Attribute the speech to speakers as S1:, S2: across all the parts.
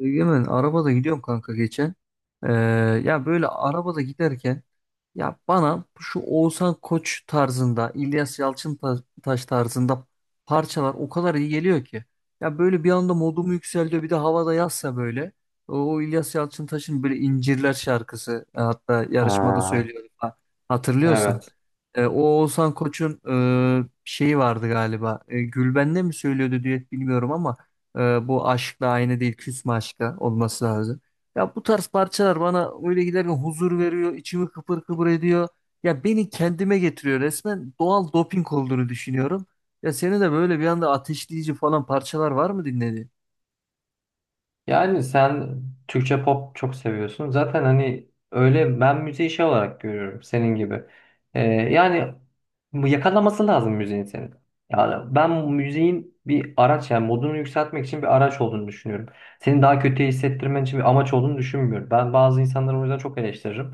S1: Egemen arabada gidiyorum kanka geçen. Ee, ya böyle arabada giderken ya bana şu Oğuzhan Koç tarzında İlyas Yalçıntaş tarzında parçalar o kadar iyi geliyor ki. Ya böyle bir anda modumu yükseltiyor bir de havada yazsa böyle. O İlyas Yalçıntaş'ın böyle İncirler şarkısı hatta yarışmada
S2: Ha,
S1: söylüyorum hatırlıyorsan.
S2: evet.
S1: O Oğuzhan Koç'un şeyi vardı galiba. Gülben'le mi söylüyordu düet bilmiyorum ama bu aşkla aynı değil küsme aşka olması lazım. Ya bu tarz parçalar bana öyle giderken huzur veriyor, içimi kıpır kıpır ediyor. Ya beni kendime getiriyor resmen doğal doping olduğunu düşünüyorum. Ya senin de böyle bir anda ateşleyici falan parçalar var mı dinlediğin?
S2: Yani sen Türkçe pop çok seviyorsun. Zaten hani öyle ben müziği şey olarak görüyorum senin gibi. Yani bu yakalaması lazım müziğin senin. Yani ben müziğin bir araç yani modunu yükseltmek için bir araç olduğunu düşünüyorum. Seni daha kötü hissettirmen için bir amaç olduğunu düşünmüyorum. Ben bazı insanları o yüzden çok eleştiririm.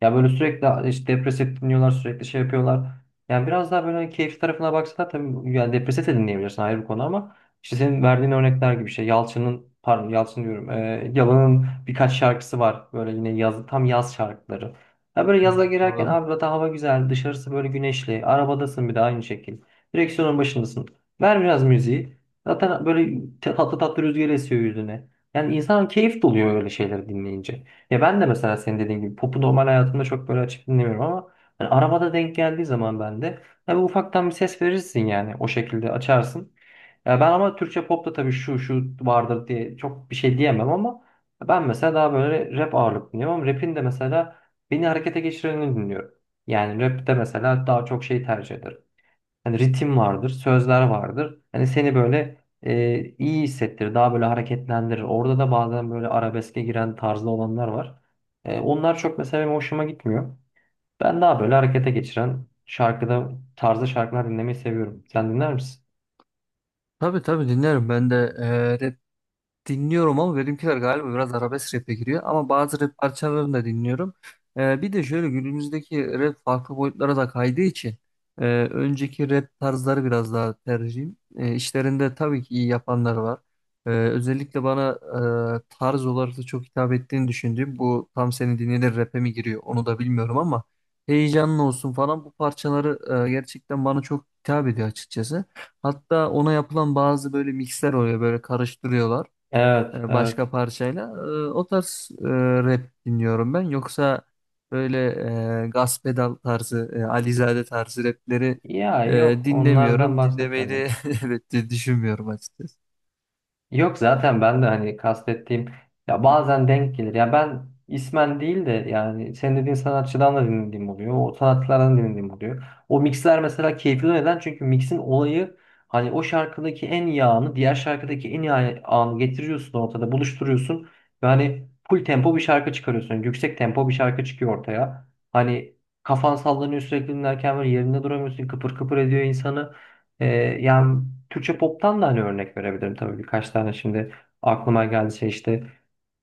S2: Ya böyle sürekli işte depresif dinliyorlar, sürekli şey yapıyorlar. Yani biraz daha böyle keyif tarafına baksana tabii yani depresif de dinleyebilirsin ayrı bir konu ama İşte senin verdiğin örnekler gibi şey. Yalçın'ın pardon Yalçın diyorum. Yalan'ın birkaç şarkısı var. Böyle yine yaz, tam yaz şarkıları. Ya böyle
S1: Hmm.
S2: yaza girerken
S1: Doğru.
S2: abi zaten hava güzel. Dışarısı böyle güneşli. Arabadasın bir de aynı şekil. Direksiyonun başındasın. Ver biraz müziği. Zaten böyle tatlı tatlı rüzgar esiyor yüzüne. Yani insan keyif doluyor öyle şeyleri dinleyince. Ya ben de mesela senin dediğin gibi popu normal hayatımda çok böyle açıp dinlemiyorum ama yani arabada denk geldiği zaman ben de ya bir ufaktan bir ses verirsin yani o şekilde açarsın. Ya ben ama Türkçe popta tabii şu şu vardır diye çok bir şey diyemem ama ben mesela daha böyle rap ağırlıklı dinliyorum ama rap'in de mesela beni harekete geçirenini dinliyorum. Yani rap'te mesela daha çok şey tercih ederim. Hani ritim vardır, sözler vardır. Hani seni böyle iyi hissettirir, daha böyle hareketlendirir. Orada da bazen böyle arabeske giren tarzda olanlar var. Onlar çok mesela benim hoşuma gitmiyor. Ben daha böyle harekete geçiren tarzda şarkılar dinlemeyi seviyorum. Sen dinler misin?
S1: Tabii tabii dinlerim ben de dinliyorum ama benimkiler galiba biraz arabesk rap'e giriyor. Ama bazı rap parçalarını da dinliyorum. Bir de şöyle günümüzdeki rap farklı boyutlara da kaydığı için önceki rap tarzları biraz daha tercihim. E, işlerinde tabii ki iyi yapanlar var. Özellikle bana tarz olarak da çok hitap ettiğini düşündüğüm bu tam seni dinlenir rap'e mi giriyor onu da bilmiyorum ama heyecanlı olsun falan bu parçaları gerçekten bana çok hitap ediyor açıkçası. Hatta ona yapılan bazı böyle mixler oluyor böyle karıştırıyorlar
S2: Evet, evet.
S1: başka parçayla. O tarz rap dinliyorum ben. Yoksa böyle gaz pedal tarzı, Alizade tarzı rapleri
S2: Ya yok onlardan
S1: dinlemiyorum. Dinlemeyi de
S2: bahsetmedim.
S1: evet de düşünmüyorum açıkçası.
S2: Yok zaten ben de hani kastettiğim ya
S1: Hı.
S2: bazen denk gelir. Ya ben ismen değil de yani senin dediğin sanatçıdan da dinlediğim oluyor. O sanatçılardan dinlediğim oluyor. O mixler mesela keyifli neden? Çünkü mixin olayı hani o şarkıdaki en iyi anı diğer şarkıdaki en iyi anı getiriyorsun ortada buluşturuyorsun. Yani full tempo bir şarkı çıkarıyorsun. Yani yüksek tempo bir şarkı çıkıyor ortaya. Hani kafan sallanıyor sürekli dinlerken böyle yerinde duramıyorsun. Kıpır kıpır ediyor insanı. Ee, yani Türkçe pop'tan da hani örnek verebilirim tabii birkaç tane şimdi aklıma geldi şey işte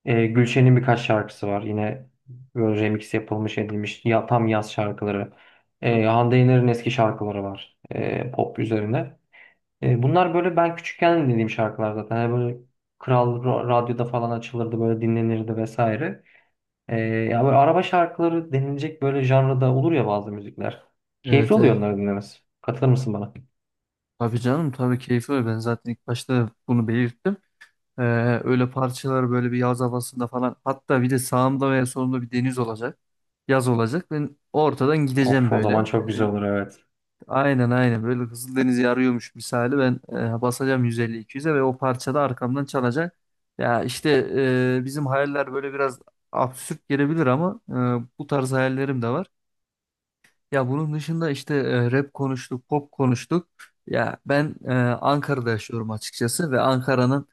S2: Gülşen'in birkaç şarkısı var yine böyle remix yapılmış edilmiş ya, tam yaz şarkıları.
S1: Çok.
S2: Hande Yener'in eski şarkıları var pop üzerine. Bunlar böyle ben küçükken dinlediğim şarkılar zaten. Hani böyle Kral Radyo'da falan açılırdı böyle dinlenirdi vesaire. Ya böyle araba şarkıları denilecek böyle janrada olur ya bazı müzikler keyifli
S1: Evet, evet.
S2: oluyor onları dinlemesi katılır mısın bana?
S1: Tabii canım tabii keyfi öyle. Ben zaten ilk başta bunu belirttim. Ee, öyle parçalar böyle bir yaz havasında falan. Hatta bir de sağımda veya solumda bir deniz olacak. Yaz olacak. Ben ortadan
S2: Of
S1: gideceğim
S2: o zaman
S1: böyle.
S2: çok güzel olur evet.
S1: Aynen aynen böyle Kızıldeniz'i arıyormuş misali ben basacağım 150-200'e ve o parçada arkamdan çalacak. Ya işte bizim hayaller böyle biraz absürt gelebilir ama bu tarz hayallerim de var. Ya bunun dışında işte rap konuştuk, pop konuştuk. Ya ben Ankara'da yaşıyorum açıkçası ve Ankara'nın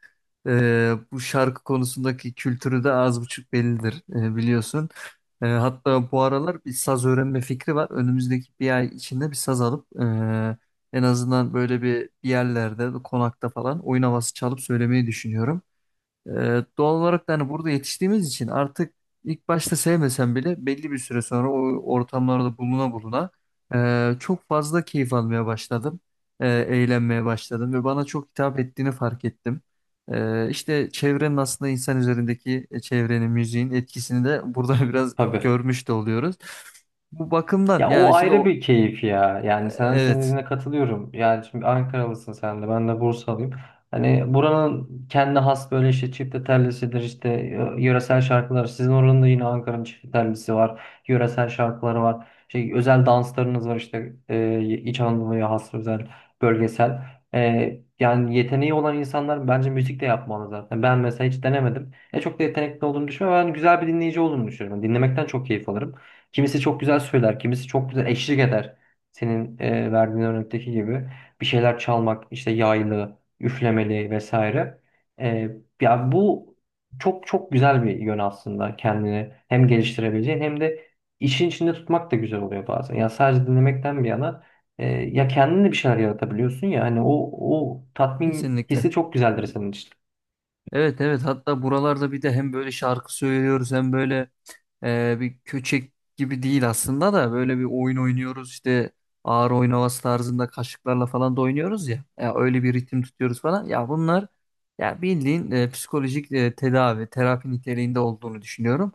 S1: bu şarkı konusundaki kültürü de az buçuk bellidir biliyorsun. Hatta bu aralar bir saz öğrenme fikri var. Önümüzdeki bir ay içinde bir saz alıp en azından böyle bir yerlerde, konakta falan oyun havası çalıp söylemeyi düşünüyorum. Doğal olarak da hani burada yetiştiğimiz için artık ilk başta sevmesen bile belli bir süre sonra o ortamlarda buluna buluna çok fazla keyif almaya başladım. Eğlenmeye başladım ve bana çok hitap ettiğini fark ettim. E, işte çevrenin aslında insan üzerindeki çevrenin, müziğin etkisini de burada biraz
S2: Tabii.
S1: görmüş de oluyoruz. Bu bakımdan
S2: Ya o
S1: yani şimdi
S2: ayrı
S1: o,
S2: bir keyif ya. Yani sen senin
S1: evet
S2: dediğine katılıyorum. Yani şimdi Ankaralısın sen de ben de Bursalıyım. Hani buranın kendi has böyle işte çifte tellisidir işte yöresel şarkılar. Sizin oranın da yine Ankara'nın çifte tellisi var. Yöresel şarkıları var. Şey, özel danslarınız var işte İç Anadolu'ya has özel bölgesel. Yani yeteneği olan insanlar bence müzik de yapmalı zaten. Ben mesela hiç denemedim. Çok da yetenekli olduğumu düşünmüyorum. Ben güzel bir dinleyici olduğumu düşünüyorum. Dinlemekten çok keyif alırım. Kimisi çok güzel söyler, kimisi çok güzel eşlik eder. Senin verdiğin örnekteki gibi bir şeyler çalmak, işte yaylı, üflemeli vesaire. E, ya bu çok çok güzel bir yön aslında kendini hem geliştirebileceğin hem de işin içinde tutmak da güzel oluyor bazen. Ya sadece dinlemekten bir yana ya kendin de bir şeyler yaratabiliyorsun ya hani o tatmin
S1: kesinlikle.
S2: hissi çok güzeldir senin için.
S1: Evet, evet, hatta buralarda bir de hem böyle şarkı söylüyoruz hem böyle bir köçek gibi değil aslında da böyle bir oyun oynuyoruz işte ağır oyun havası tarzında kaşıklarla falan da oynuyoruz ya. Ya öyle bir ritim tutuyoruz falan. Ya bunlar ya bildiğin psikolojik tedavi, terapi niteliğinde olduğunu düşünüyorum.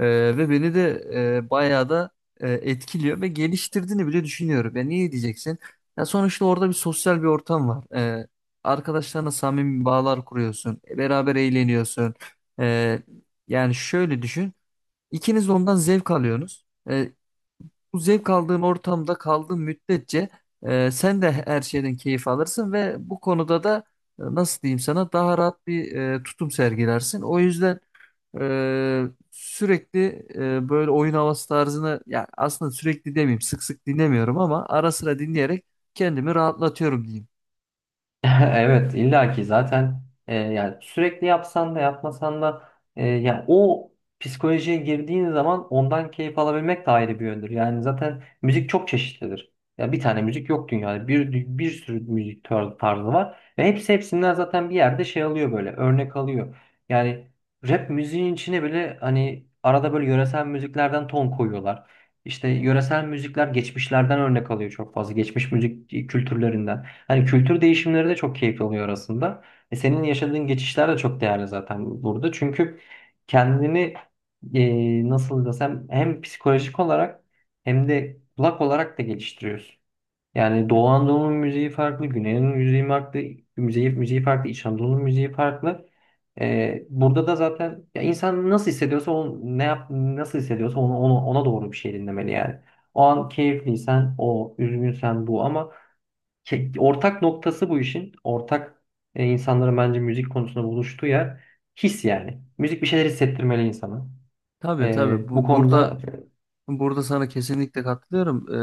S1: Ve beni de bayağı da etkiliyor ve geliştirdiğini bile düşünüyorum. Ya niye diyeceksin? Ya sonuçta orada bir sosyal bir ortam var. Arkadaşlarına samimi bağlar kuruyorsun. Beraber eğleniyorsun. Ee, yani şöyle düşün. İkiniz de ondan zevk alıyorsunuz. Bu zevk aldığın ortamda kaldığın müddetçe sen de her şeyden keyif alırsın ve bu konuda da nasıl diyeyim sana daha rahat bir tutum sergilersin. O yüzden e, sürekli böyle oyun havası tarzını ya aslında sürekli demeyeyim sık sık dinlemiyorum ama ara sıra dinleyerek kendimi rahatlatıyorum diyeyim.
S2: Evet illaki zaten yani sürekli yapsan da yapmasan da ya o psikolojiye girdiğin zaman ondan keyif alabilmek de ayrı bir yöndür. Yani zaten müzik çok çeşitlidir. Ya bir tane müzik yok dünyada. Bir sürü müzik tarzı var ve hepsi hepsinden zaten bir yerde şey alıyor böyle örnek alıyor. Yani rap müziğin içine bile hani arada böyle yöresel müziklerden ton koyuyorlar. İşte yöresel müzikler geçmişlerden örnek alıyor çok fazla. Geçmiş müzik kültürlerinden. Hani kültür değişimleri de çok keyifli oluyor aslında. E senin yaşadığın geçişler de çok değerli zaten burada. Çünkü kendini nasıl desem hem psikolojik olarak hem de kulak olarak da geliştiriyorsun. Yani Doğu Anadolu'nun müziği farklı, Güney'in müziği farklı, müziği farklı, İç Anadolu'nun müziği farklı. Burada da zaten ya insan nasıl hissediyorsa onu, ne yap, nasıl hissediyorsa onu, onu, ona doğru bir şey dinlemeli yani. O an keyifliysen o, üzgünsen bu ama ortak noktası bu işin. Ortak insanların bence müzik konusunda buluştuğu yer his yani. Müzik bir şeyler hissettirmeli insana.
S1: Tabii tabii.
S2: Bu
S1: Bu, burada
S2: konuda
S1: Burada sana kesinlikle katılıyorum.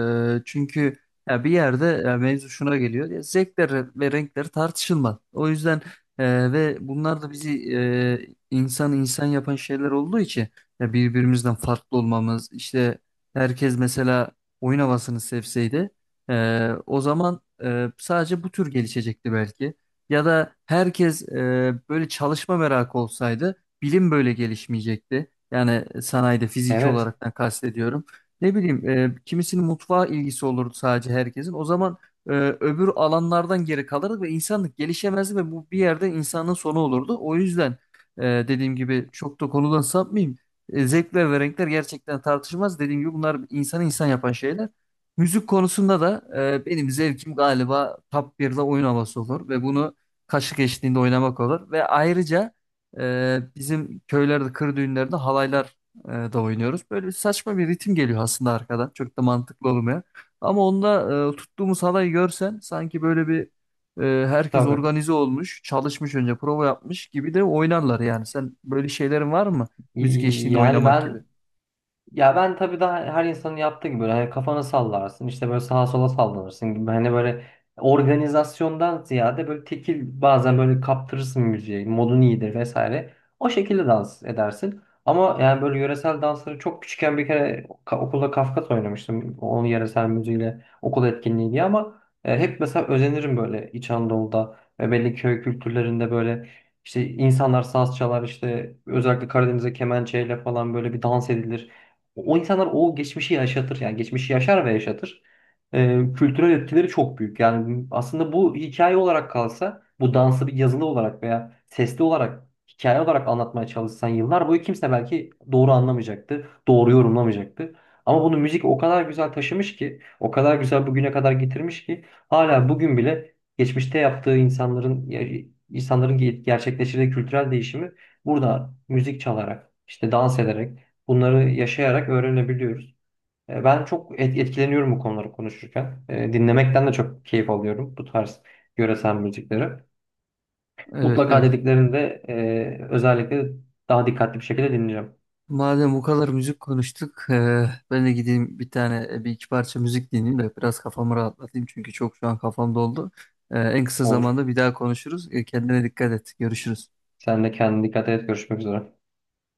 S1: Çünkü ya bir yerde ya mevzu şuna geliyor. Ya zevkler ve renkler tartışılmaz. O yüzden ve bunlar da bizi insan insan yapan şeyler olduğu için ya birbirimizden farklı olmamız işte herkes mesela oyun havasını sevseydi o zaman sadece bu tür gelişecekti belki. Ya da herkes böyle çalışma merakı olsaydı bilim böyle gelişmeyecekti. Yani sanayide fiziki
S2: evet
S1: olaraktan kastediyorum. Ne bileyim kimisinin mutfağa ilgisi olurdu sadece herkesin. O zaman e, öbür alanlardan geri kalırdı ve insanlık gelişemezdi ve bu bir yerde insanın sonu olurdu. O yüzden e, dediğim gibi çok da konudan sapmayayım. Zevkler ve renkler gerçekten tartışmaz. Dediğim gibi bunlar insanı insan yapan şeyler. Müzik konusunda da benim zevkim galiba top 1'de oyun havası olur ve bunu kaşık eşliğinde oynamak olur ve ayrıca bizim köylerde, kır düğünlerde halaylar da oynuyoruz. Böyle saçma bir ritim geliyor aslında arkadan. Çok da mantıklı olmayan. Ama onda tuttuğumuz halayı görsen sanki böyle bir herkes
S2: tabii.
S1: organize olmuş, çalışmış önce prova yapmış gibi de oynarlar yani. Sen böyle şeylerin var mı? Müzik eşliğinde
S2: Yani
S1: oynamak gibi.
S2: ben ya ben tabii daha her insanın yaptığı gibi böyle hani kafanı sallarsın işte böyle sağa sola sallanırsın gibi hani böyle organizasyondan ziyade böyle tekil bazen böyle kaptırırsın müziği modun iyidir vesaire o şekilde dans edersin. Ama yani böyle yöresel dansları çok küçükken bir kere okulda Kafkas oynamıştım onun yöresel müziğiyle okul etkinliği diye ama hep mesela özenirim böyle İç Anadolu'da ve belli köy kültürlerinde böyle işte insanlar saz çalar işte özellikle Karadeniz'e kemençeyle falan böyle bir dans edilir. O insanlar o geçmişi yaşatır. Yani geçmişi yaşar ve yaşatır. Kültürel etkileri çok büyük. Yani aslında bu hikaye olarak kalsa, bu dansı bir yazılı olarak veya sesli olarak, hikaye olarak anlatmaya çalışsan yıllar boyu kimse belki doğru anlamayacaktı, doğru yorumlamayacaktı. Ama bunu müzik o kadar güzel taşımış ki, o kadar güzel bugüne kadar getirmiş ki hala bugün bile geçmişte yaptığı insanların gerçekleştirdiği kültürel değişimi burada müzik çalarak, işte dans ederek bunları yaşayarak öğrenebiliyoruz. Ben çok etkileniyorum bu konuları konuşurken. E, dinlemekten de çok keyif alıyorum bu tarz yöresel müzikleri.
S1: Evet,
S2: Mutlaka
S1: evet.
S2: dediklerini de özellikle daha dikkatli bir şekilde dinleyeceğim.
S1: Madem bu kadar müzik konuştuk, ben de gideyim bir tane bir iki parça müzik dinleyeyim de biraz kafamı rahatlatayım çünkü çok şu an kafam doldu. En kısa
S2: Olur.
S1: zamanda bir daha konuşuruz. Kendine dikkat et. Görüşürüz.
S2: Sen de kendine dikkat et. Görüşmek üzere.